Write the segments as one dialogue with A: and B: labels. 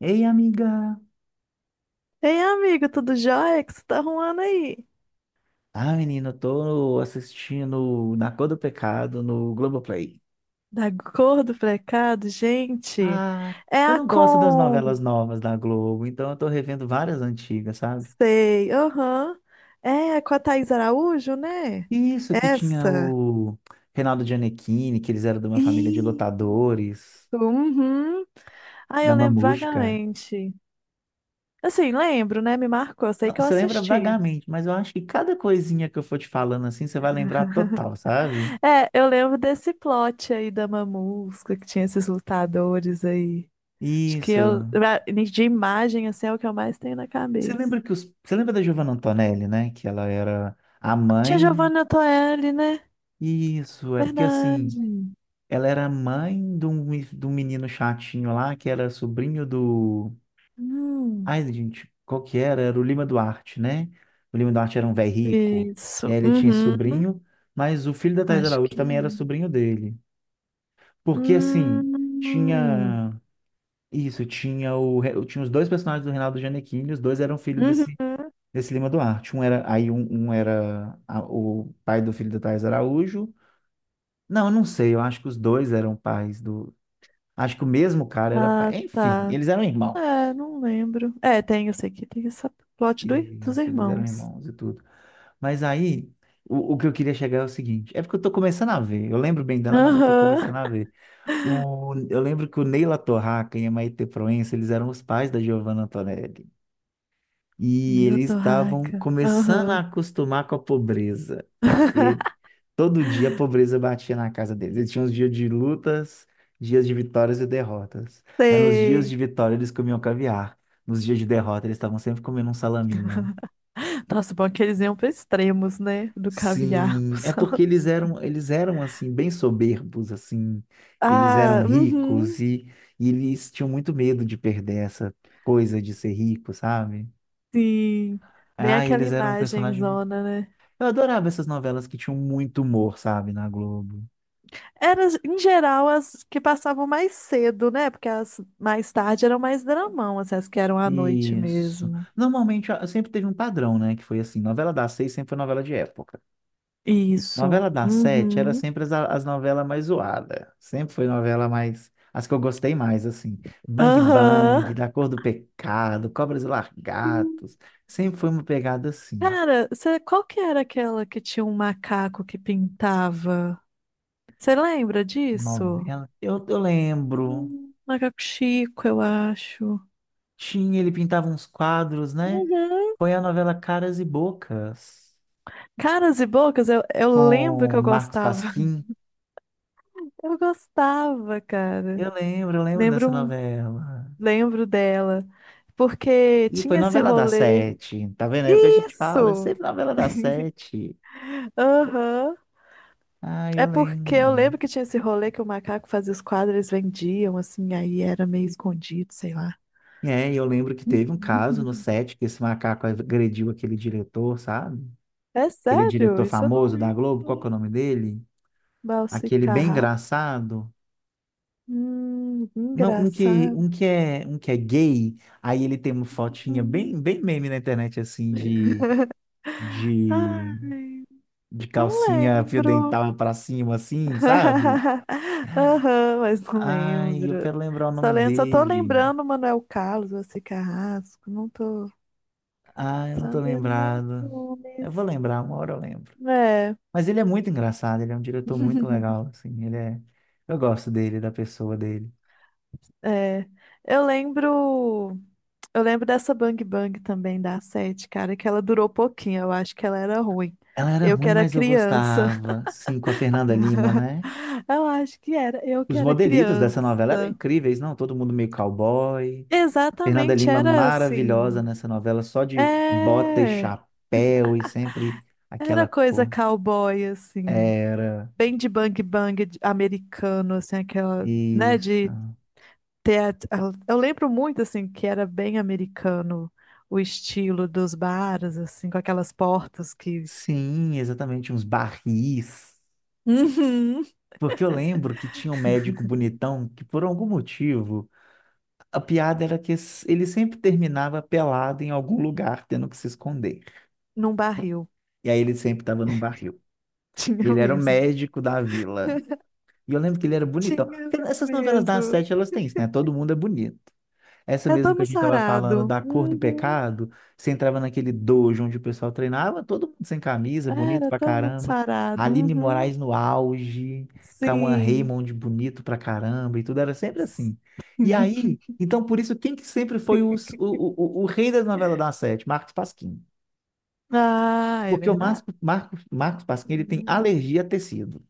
A: Ei, amiga!
B: Ei, amigo, tudo jóia? O que você tá arrumando aí?
A: Ah, menina, eu tô assistindo Na Cor do Pecado no Globoplay.
B: Da cor do precado, gente.
A: Ah,
B: É
A: eu
B: a
A: não gosto das novelas
B: com...
A: novas da Globo, então eu tô revendo várias antigas, sabe?
B: Sei, aham. É com a Thaís Araújo, né?
A: Isso que tinha
B: Essa.
A: o Reinaldo Gianecchini, que eles eram de uma família de
B: Isso,
A: lutadores,
B: uhum. Ah,
A: da
B: eu lembro
A: Mamusca.
B: vagamente. Assim, lembro, né? Me marcou, sei
A: Não,
B: que eu
A: você lembra
B: assisti.
A: vagamente, mas eu acho que cada coisinha que eu for te falando assim, você vai lembrar total, sabe?
B: É, eu lembro desse plot aí da Mamusca, que tinha esses lutadores aí. Acho que eu,
A: Isso.
B: de imagem, assim, é o que eu mais tenho na
A: Você
B: cabeça.
A: lembra que Você lembra da Giovanna Antonelli, né? Que ela era a
B: Tia
A: mãe.
B: Giovanna Toelli, né?
A: Isso, é porque assim,
B: Verdade.
A: ela era mãe de um, de um menino chatinho lá, que era sobrinho do.
B: Hum.
A: Ai, gente, qual que era? Era o Lima Duarte, né? O Lima Duarte era um velho rico. E
B: Isso.
A: aí ele tinha esse
B: Uhum.
A: sobrinho, mas o filho da Thais
B: Acho
A: Araújo
B: que
A: também era
B: é.
A: sobrinho dele. Porque assim,
B: Hum.
A: tinha. Isso, tinha tinha os dois personagens do Reinaldo Gianecchini, os dois eram filhos desse,
B: Uhum.
A: desse Lima Duarte. Um era, aí um era o pai do filho da Thais Araújo. Não, eu não sei. Eu acho que os dois eram pais do. Acho que o mesmo cara era.
B: Ah,
A: Enfim,
B: tá.
A: eles eram irmãos.
B: É, não lembro. É, tem, eu sei que tem essa plot do, dos
A: Isso, eles eram
B: irmãos.
A: irmãos e tudo. Mas aí, o que eu queria chegar é o seguinte: é porque eu tô começando a ver. Eu lembro bem dela, mas eu tô começando
B: Aham.
A: a ver. O, eu lembro que o Neila Torraca e a Maitê Proença, eles eram os pais da Giovanna Antonelli. E
B: Meu
A: eles estavam
B: torraca.
A: começando a
B: Aham.
A: acostumar com a pobreza. Todo dia a pobreza batia na casa deles. Eles tinham os dias de lutas, dias de vitórias e derrotas. Aí nos dias de
B: Sei.
A: vitória eles comiam caviar. Nos dias de derrota eles estavam sempre comendo um salaminho.
B: Nossa, bom que eles iam para extremos, né? Do caviar pro
A: Sim, é porque
B: salão.
A: eles eram assim bem soberbos assim. Eles eram
B: Ah,
A: ricos
B: uhum.
A: e eles tinham muito medo de perder essa coisa de ser rico, sabe?
B: Sim. Bem
A: Ah,
B: aquela
A: eles eram um
B: imagem
A: personagem muito.
B: zona, né?
A: Eu adorava essas novelas que tinham muito humor, sabe, na Globo.
B: Era, em geral, as que passavam mais cedo, né? Porque as mais tarde eram mais dramão, assim, as que eram à noite
A: Isso.
B: mesmo.
A: Normalmente sempre teve um padrão, né? Que foi assim, novela das seis sempre foi novela de época.
B: Isso.
A: Novela das sete era
B: Uhum.
A: sempre as novelas mais zoadas. Sempre foi novela mais. As que eu gostei mais, assim. Bang Bang,
B: Aham.
A: Da Cor do Pecado, Cobras e
B: Sim.
A: Lagartos. Sempre foi uma pegada assim.
B: Cara, cê- qual que era aquela que tinha um macaco que pintava? Você lembra disso?
A: Novela. Eu lembro.
B: Macaco Chico, eu acho.
A: Tinha, ele pintava uns quadros, né?
B: Uhum.
A: Foi a novela Caras e Bocas,
B: Caras e bocas, eu lembro que
A: com
B: eu
A: Marcos
B: gostava.
A: Pasquim.
B: Eu gostava, cara.
A: Eu lembro dessa
B: Lembro,
A: novela.
B: lembro dela. Porque
A: E foi
B: tinha esse
A: novela das
B: rolê.
A: sete, tá vendo? É o que a gente fala, é
B: Isso!
A: sempre novela das sete.
B: Aham.
A: Ah,
B: É
A: eu
B: porque eu
A: lembro.
B: lembro que tinha esse rolê que o macaco fazia os quadros, eles vendiam, assim, aí era meio escondido, sei lá.
A: É, e eu lembro que teve um caso no set que esse macaco agrediu aquele diretor, sabe?
B: É
A: Aquele
B: sério,
A: diretor
B: isso eu não
A: famoso da
B: lembro.
A: Globo, qual que é o nome dele? Aquele bem
B: Balsicarrar.
A: engraçado. Não, um que,
B: Engraçado.
A: um que é, um que é gay, aí ele tem uma fotinha
B: Hum.
A: bem, bem meme na internet, assim, de, de,
B: Ai,
A: de
B: não
A: calcinha fio
B: lembro.
A: dental pra cima, assim, sabe?
B: Aham, mas não
A: Ai, eu
B: lembro.
A: quero lembrar o
B: Só
A: nome
B: lembro, só tô
A: dele.
B: lembrando Manuel Carlos, Valsi Carrasco. Não tô
A: Ah, eu não tô
B: sabendo mais
A: lembrado. Eu
B: nomes.
A: vou lembrar, uma hora eu lembro.
B: É,
A: Mas ele é muito engraçado, ele é um diretor muito legal, assim, ele é. Eu gosto dele, da pessoa dele.
B: é. Eu lembro, eu lembro dessa Bang Bang também da sete, cara, que ela durou pouquinho, eu acho que ela era ruim.
A: Ela era
B: Eu que
A: ruim,
B: era
A: mas eu
B: criança.
A: gostava. Sim, com a Fernanda Lima, né?
B: Eu acho que era, eu que
A: Os
B: era
A: modelitos dessa novela eram
B: criança.
A: incríveis, não? Todo mundo meio cowboy. Fernanda
B: Exatamente,
A: Lima
B: era
A: maravilhosa
B: assim.
A: nessa novela, só de bota e
B: É,
A: chapéu e sempre
B: era
A: aquela
B: coisa
A: cor.
B: cowboy assim,
A: Era
B: bem de bang bang de- americano assim, aquela, né, de
A: isso.
B: teatro. Eu lembro muito, assim, que era bem americano o estilo dos bares, assim, com aquelas portas que...
A: Sim, exatamente, uns barris.
B: Uhum.
A: Porque eu lembro que tinha um médico bonitão que, por algum motivo, a piada era que ele sempre terminava pelado em algum lugar, tendo que se esconder.
B: Num barril.
A: E aí ele sempre estava num barril. E
B: Tinha
A: ele era o
B: mesmo.
A: médico da vila. E eu lembro que ele era bonitão.
B: Tinha
A: Porque essas novelas das
B: mesmo.
A: sete, elas têm isso, né? Todo mundo é bonito. Essa
B: É
A: mesmo
B: todo
A: que a
B: mundo
A: gente estava falando
B: sarado.
A: da Cor do
B: Uhum.
A: Pecado, você entrava naquele dojo onde o pessoal treinava, todo mundo sem camisa, bonito
B: Era
A: pra
B: todo mundo
A: caramba.
B: sarado.
A: Aline
B: Uhum.
A: Moraes no auge, Cauã
B: Sim.
A: Raymond bonito pra caramba, e tudo era sempre assim. E aí, então por isso, quem que sempre foi o rei das novelas da Sete? Marcos Pasquim.
B: Ah, é
A: Porque o
B: verdade.
A: Marcos
B: É
A: Pasquim ele tem
B: verdade.
A: alergia a tecido.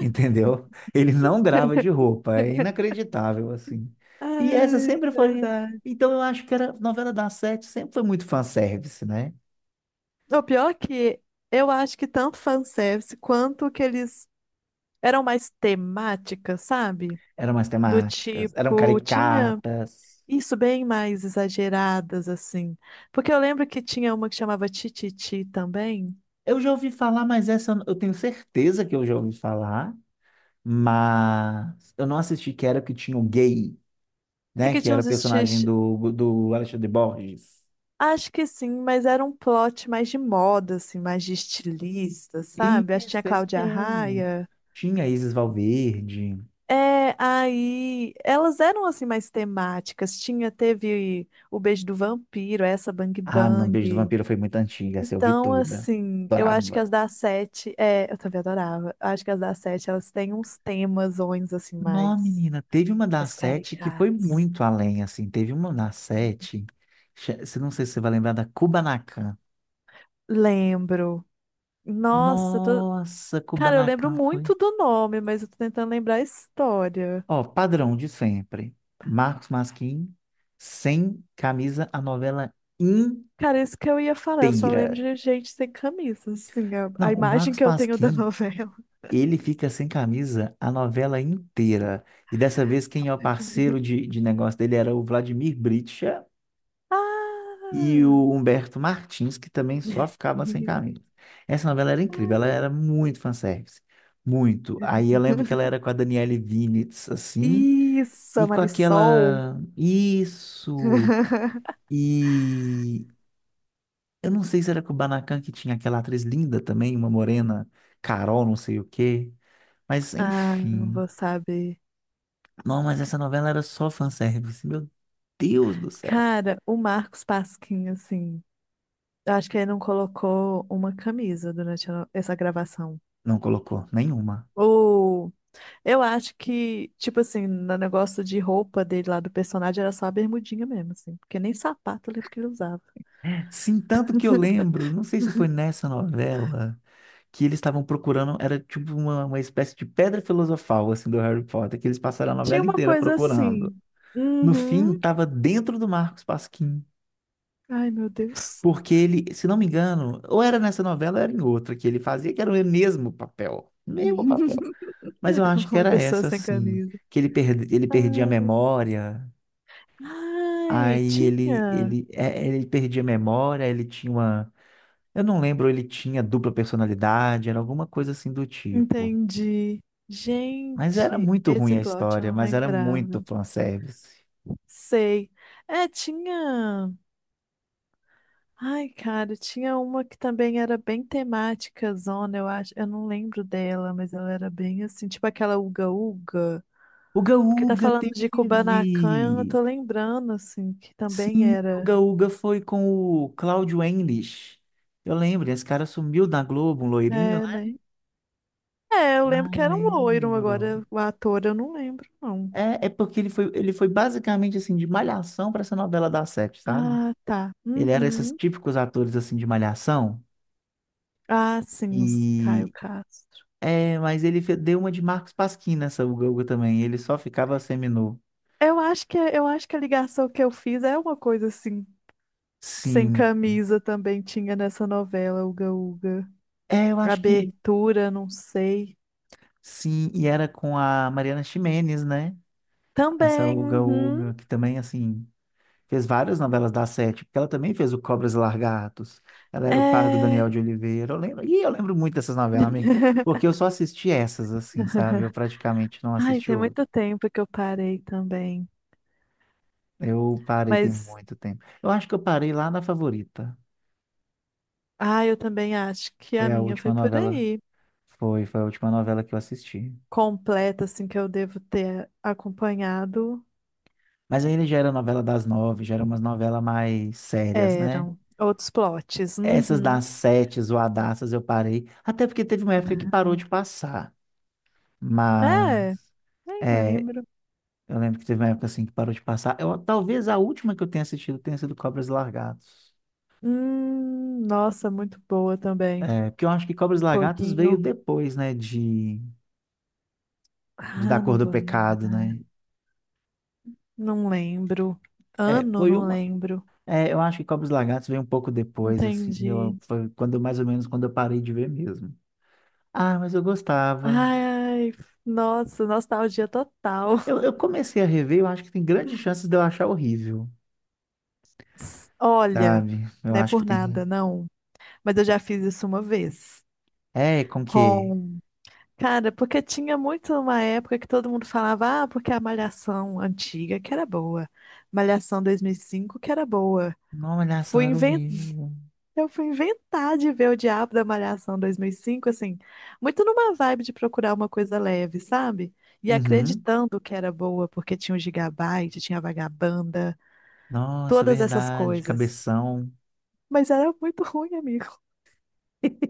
A: Entendeu? Ele não grava de roupa, é inacreditável, assim. E essa
B: Ai, é
A: sempre foi.
B: verdade.
A: Então eu acho que era novela das sete, sempre foi muito fanservice, né?
B: O pior é que eu acho que tanto fanservice quanto que eles eram mais temáticas, sabe?
A: Eram umas
B: Do
A: temáticas, eram
B: tipo, tinha
A: caricatas.
B: isso bem mais exageradas, assim. Porque eu lembro que tinha uma que chamava Tititi também,
A: Eu já ouvi falar, mas essa eu tenho certeza que eu já ouvi falar, mas eu não assisti, que era o que tinha o gay,
B: e
A: né?
B: que
A: Que
B: tinha
A: era
B: uns
A: o personagem
B: estilos.
A: do Alexandre Borges.
B: Acho que sim, mas era um plot mais de moda, assim, mais de estilista, sabe? Acho que tinha a
A: Isso, esse
B: Cláudia
A: mesmo.
B: Raia.
A: Tinha Isis Valverde.
B: É, aí elas eram assim mais temáticas. Tinha, teve o Beijo do Vampiro, essa Bang
A: Ah, não, Beijo do
B: Bang.
A: Vampiro foi muito antiga, essa eu vi
B: Então,
A: toda.
B: assim, eu acho que
A: Adorava.
B: as da sete, é, eu também adorava. Eu acho que as da sete, elas têm uns temas ons, assim,
A: Não,
B: mais,
A: menina, teve uma da
B: mais
A: sete que foi
B: caricatos.
A: muito além, assim. Teve uma da sete, não sei se você vai lembrar da Kubanacan.
B: Lembro. Nossa, eu tô...
A: Nossa,
B: Cara, eu lembro
A: Kubanacan foi.
B: muito do nome, mas eu tô tentando lembrar a história.
A: Ó, padrão de sempre. Marcos Pasquim, sem camisa, a novela
B: Cara, isso que eu ia falar, eu só lembro
A: inteira.
B: de gente sem camisa, assim, a
A: Não, o
B: imagem
A: Marcos
B: que eu tenho da
A: Pasquim.
B: novela.
A: Ele fica sem camisa a novela inteira. E dessa vez, quem é o parceiro de negócio dele era o Vladimir Bricha e
B: Ah!
A: o Humberto Martins, que também só ficavam sem camisa. Essa novela era incrível, ela era muito fanservice. Muito. Aí eu lembro que ela era com a Daniele Vinitz, assim,
B: Isso, a
A: e com
B: Marisol.
A: aquela. Isso! E eu não sei se era com o Kubanacan que tinha aquela atriz linda também, uma morena, Carol, não sei o quê. Mas
B: Ah, não vou
A: enfim.
B: saber.
A: Não, mas essa novela era só fanservice. Meu Deus do céu.
B: Cara, o Marcos Pasquim, assim, eu acho que ele não colocou uma camisa durante a- essa gravação.
A: Não colocou nenhuma.
B: Ou eu acho que, tipo assim, no negócio de roupa dele lá do personagem era só a bermudinha mesmo, assim, porque nem sapato eu lembro que ele usava.
A: Sim, tanto que eu lembro, não sei se foi nessa novela, que eles estavam procurando, era tipo uma espécie de pedra filosofal, assim, do Harry Potter, que eles passaram a
B: Tinha
A: novela
B: uma
A: inteira
B: coisa
A: procurando.
B: assim.
A: No fim,
B: Uhum.
A: estava dentro do Marcos Pasquim,
B: Ai, meu Deus.
A: porque ele, se não me engano, ou era nessa novela ou era em outra que ele fazia, que era o mesmo papel, mesmo papel. Mas eu acho que
B: Uma
A: era
B: pessoa
A: essa,
B: sem
A: assim,
B: camisa.
A: que ele
B: Ai,
A: perdia a memória.
B: ai,
A: Aí ele,
B: tinha.
A: ele, é, ele perdia a memória, ele tinha uma. Eu não lembro, ele tinha dupla personalidade, era alguma coisa assim do tipo.
B: Entendi.
A: Mas era
B: Gente,
A: muito ruim
B: esse
A: a
B: plot eu
A: história,
B: não
A: mas era muito
B: lembrava.
A: fanservice.
B: Sei. É, tinha. Ai, cara, tinha uma que também era bem temática, zona, eu acho. Eu não lembro dela, mas ela era bem assim, tipo aquela Uga Uga.
A: Uga
B: Porque tá
A: Uga
B: falando de
A: teve!
B: Kubanacan, eu tô lembrando, assim, que também
A: Sim,
B: era.
A: Uga Uga foi com o Cláudio English. Eu lembro, esse cara sumiu da Globo, um loirinho,
B: É,
A: né?
B: né? É, eu
A: Ah,
B: lembro que
A: eu
B: era um loiro,
A: lembro.
B: agora o ator eu não lembro, não.
A: É, porque ele foi basicamente assim, de malhação para essa novela da sete, sabe?
B: Ah, tá.
A: Ele era esses
B: Uhum.
A: típicos atores assim de malhação.
B: Ah, sim, os Caio
A: E
B: Castro.
A: é, mas ele deu uma de Marcos Pasquim nessa Uga-Uga também. Ele só ficava seminu.
B: Eu acho que a ligação que eu fiz é uma coisa assim, sem
A: Sim.
B: camisa também tinha nessa novela, Uga Uga.
A: É, eu acho que
B: Abertura, não sei.
A: sim. E era com a Mariana Ximenes, né? Essa
B: Também, uhum,
A: Uga-Uga, que também, assim, fez várias novelas da Sete, porque ela também fez o Cobras e Largatos. Ela era o par do
B: é...
A: Daniel de Oliveira. Eu lembro, e eu lembro muito dessas novelas, amigo, porque eu só assisti essas, assim, sabe? Eu praticamente não
B: Ai,
A: assisti
B: tem muito
A: outras.
B: tempo que eu parei também.
A: Eu parei tem
B: Mas,
A: muito tempo. Eu acho que eu parei lá na Favorita.
B: ah, eu também acho que a
A: Foi a
B: minha
A: última
B: foi por
A: novela.
B: aí.
A: Foi a última novela que eu assisti.
B: Completa, assim, que eu devo ter acompanhado,
A: Mas ainda já era novela das nove, já era umas novelas mais sérias, né?
B: eram outros plots.
A: Essas
B: Uhum.
A: das sete, zoadaças, eu parei. Até porque teve uma época que parou de passar.
B: É,
A: Mas,
B: nem
A: é,
B: lembro.
A: eu lembro que teve uma época assim que parou de passar. Eu, talvez a última que eu tenha assistido tenha sido Cobras e Lagartos.
B: Nossa, muito boa também.
A: É, porque eu acho que Cobras
B: Um
A: e Lagartos veio
B: pouquinho.
A: depois, né, de Da
B: Ah,
A: Cor
B: não
A: do
B: vou
A: Pecado, né?
B: lembrar. Não lembro.
A: É,
B: Ano,
A: foi
B: não
A: uma
B: lembro.
A: É, eu acho que Cobros e Lagartos veio um pouco depois, assim.
B: Entendi.
A: Eu, foi quando, mais ou menos quando eu parei de ver mesmo. Ah, mas eu gostava.
B: Ai, nossa, nostalgia total.
A: Eu comecei a rever, eu acho que tem grandes chances de eu achar horrível,
B: Olha,
A: sabe? Eu
B: não é
A: acho que
B: por
A: tem.
B: nada, não. Mas eu já fiz isso uma vez.
A: É, com que?
B: Com... Cara, porque tinha muito uma época que todo mundo falava, ah, porque a Malhação antiga que era boa. Malhação 2005 que era boa.
A: Não, Malhação
B: Fui...
A: era horrível.
B: Eu fui inventar de ver o Diabo da Malhação 2005 assim, muito numa vibe de procurar uma coisa leve, sabe? E
A: Uhum.
B: acreditando que era boa, porque tinha o Gigabyte, tinha a Vagabanda,
A: Nossa,
B: todas essas
A: verdade,
B: coisas.
A: cabeção.
B: Mas era muito ruim, amigo.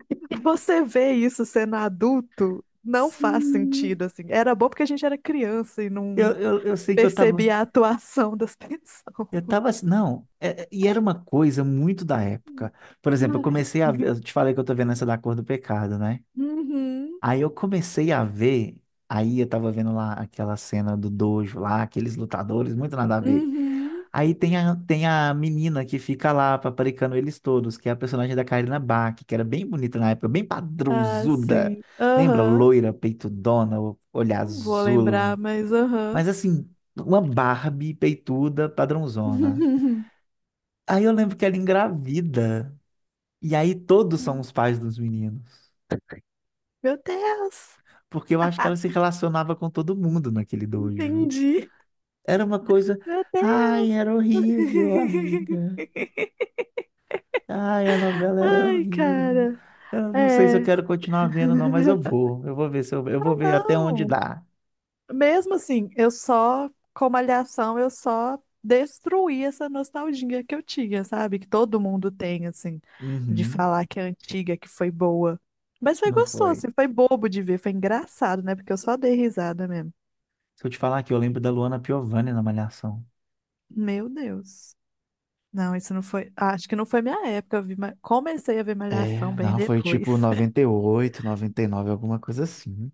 B: Você vê isso sendo adulto, não faz
A: Sim.
B: sentido, assim. Era bom porque a gente era criança e
A: Eu,
B: não
A: eu, eu sei que eu tava.
B: percebia a atuação das pessoas.
A: Eu tava assim, não, e era uma coisa muito da época. Por exemplo, eu
B: Ai.
A: comecei a ver, eu te falei que eu tô vendo essa da Cor do Pecado, né?
B: Uhum,
A: Aí eu comecei a ver, aí eu tava vendo lá aquela cena do dojo lá, aqueles lutadores, muito nada a ver.
B: uhum.
A: Aí tem a, tem a menina que fica lá paparicando eles todos, que é a personagem da Karina Bach, que era bem bonita na época, bem
B: Ah,
A: padrãozuda.
B: sim.
A: Lembra?
B: Aham.
A: Loira, peitudona, olhar
B: Não vou lembrar,
A: azul.
B: mas aham.
A: Mas assim, uma Barbie peituda, padrãozona. Aí eu lembro que ela engravida. E aí todos são os pais dos meninos.
B: Meu Deus,
A: Porque eu acho que ela se relacionava com todo mundo naquele dojo.
B: entendi.
A: Era uma coisa.
B: Meu
A: Ai,
B: Deus.
A: era horrível, amiga. Ai, a novela era
B: Ai,
A: horrível.
B: cara.
A: Eu não sei se eu
B: É.
A: quero continuar vendo, não, mas eu vou. Eu vou ver se eu
B: Ah,
A: vou ver até onde
B: não.
A: dá.
B: Mesmo assim, eu só, com Malhação, eu só destruí essa nostalgia que eu tinha, sabe? Que todo mundo tem, assim, de
A: Uhum,
B: falar que é antiga, que foi boa. Mas foi
A: não
B: gostoso,
A: foi.
B: assim, foi bobo de ver, foi engraçado, né? Porque eu só dei risada mesmo.
A: Se eu te falar que eu lembro da Luana Piovani na Malhação.
B: Meu Deus. Não, isso não foi. Ah, acho que não foi minha época. Eu vi, Ma- comecei a ver Malhação
A: É,
B: bem
A: não, foi tipo
B: depois.
A: 98, 99, alguma coisa assim.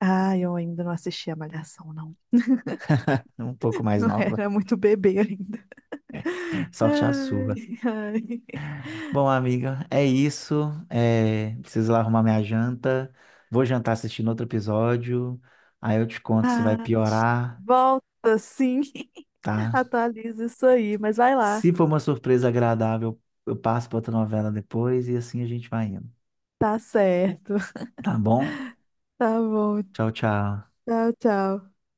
B: Ah, eu ainda não assistia Malhação, não.
A: Um pouco mais
B: Eu
A: nova.
B: era muito bebê ainda.
A: Sorte a sua.
B: Ai, ai.
A: Bom, amiga, é isso. É, preciso lá arrumar minha janta. Vou jantar assistindo outro episódio. Aí eu te conto se vai
B: Ah,
A: piorar,
B: volta, sim.
A: tá?
B: Atualiza isso aí, mas vai lá.
A: Se for uma surpresa agradável, eu passo para outra novela depois e assim a gente vai indo.
B: Tá certo.
A: Tá bom?
B: Tá bom.
A: Tchau, tchau.
B: Tchau, tchau.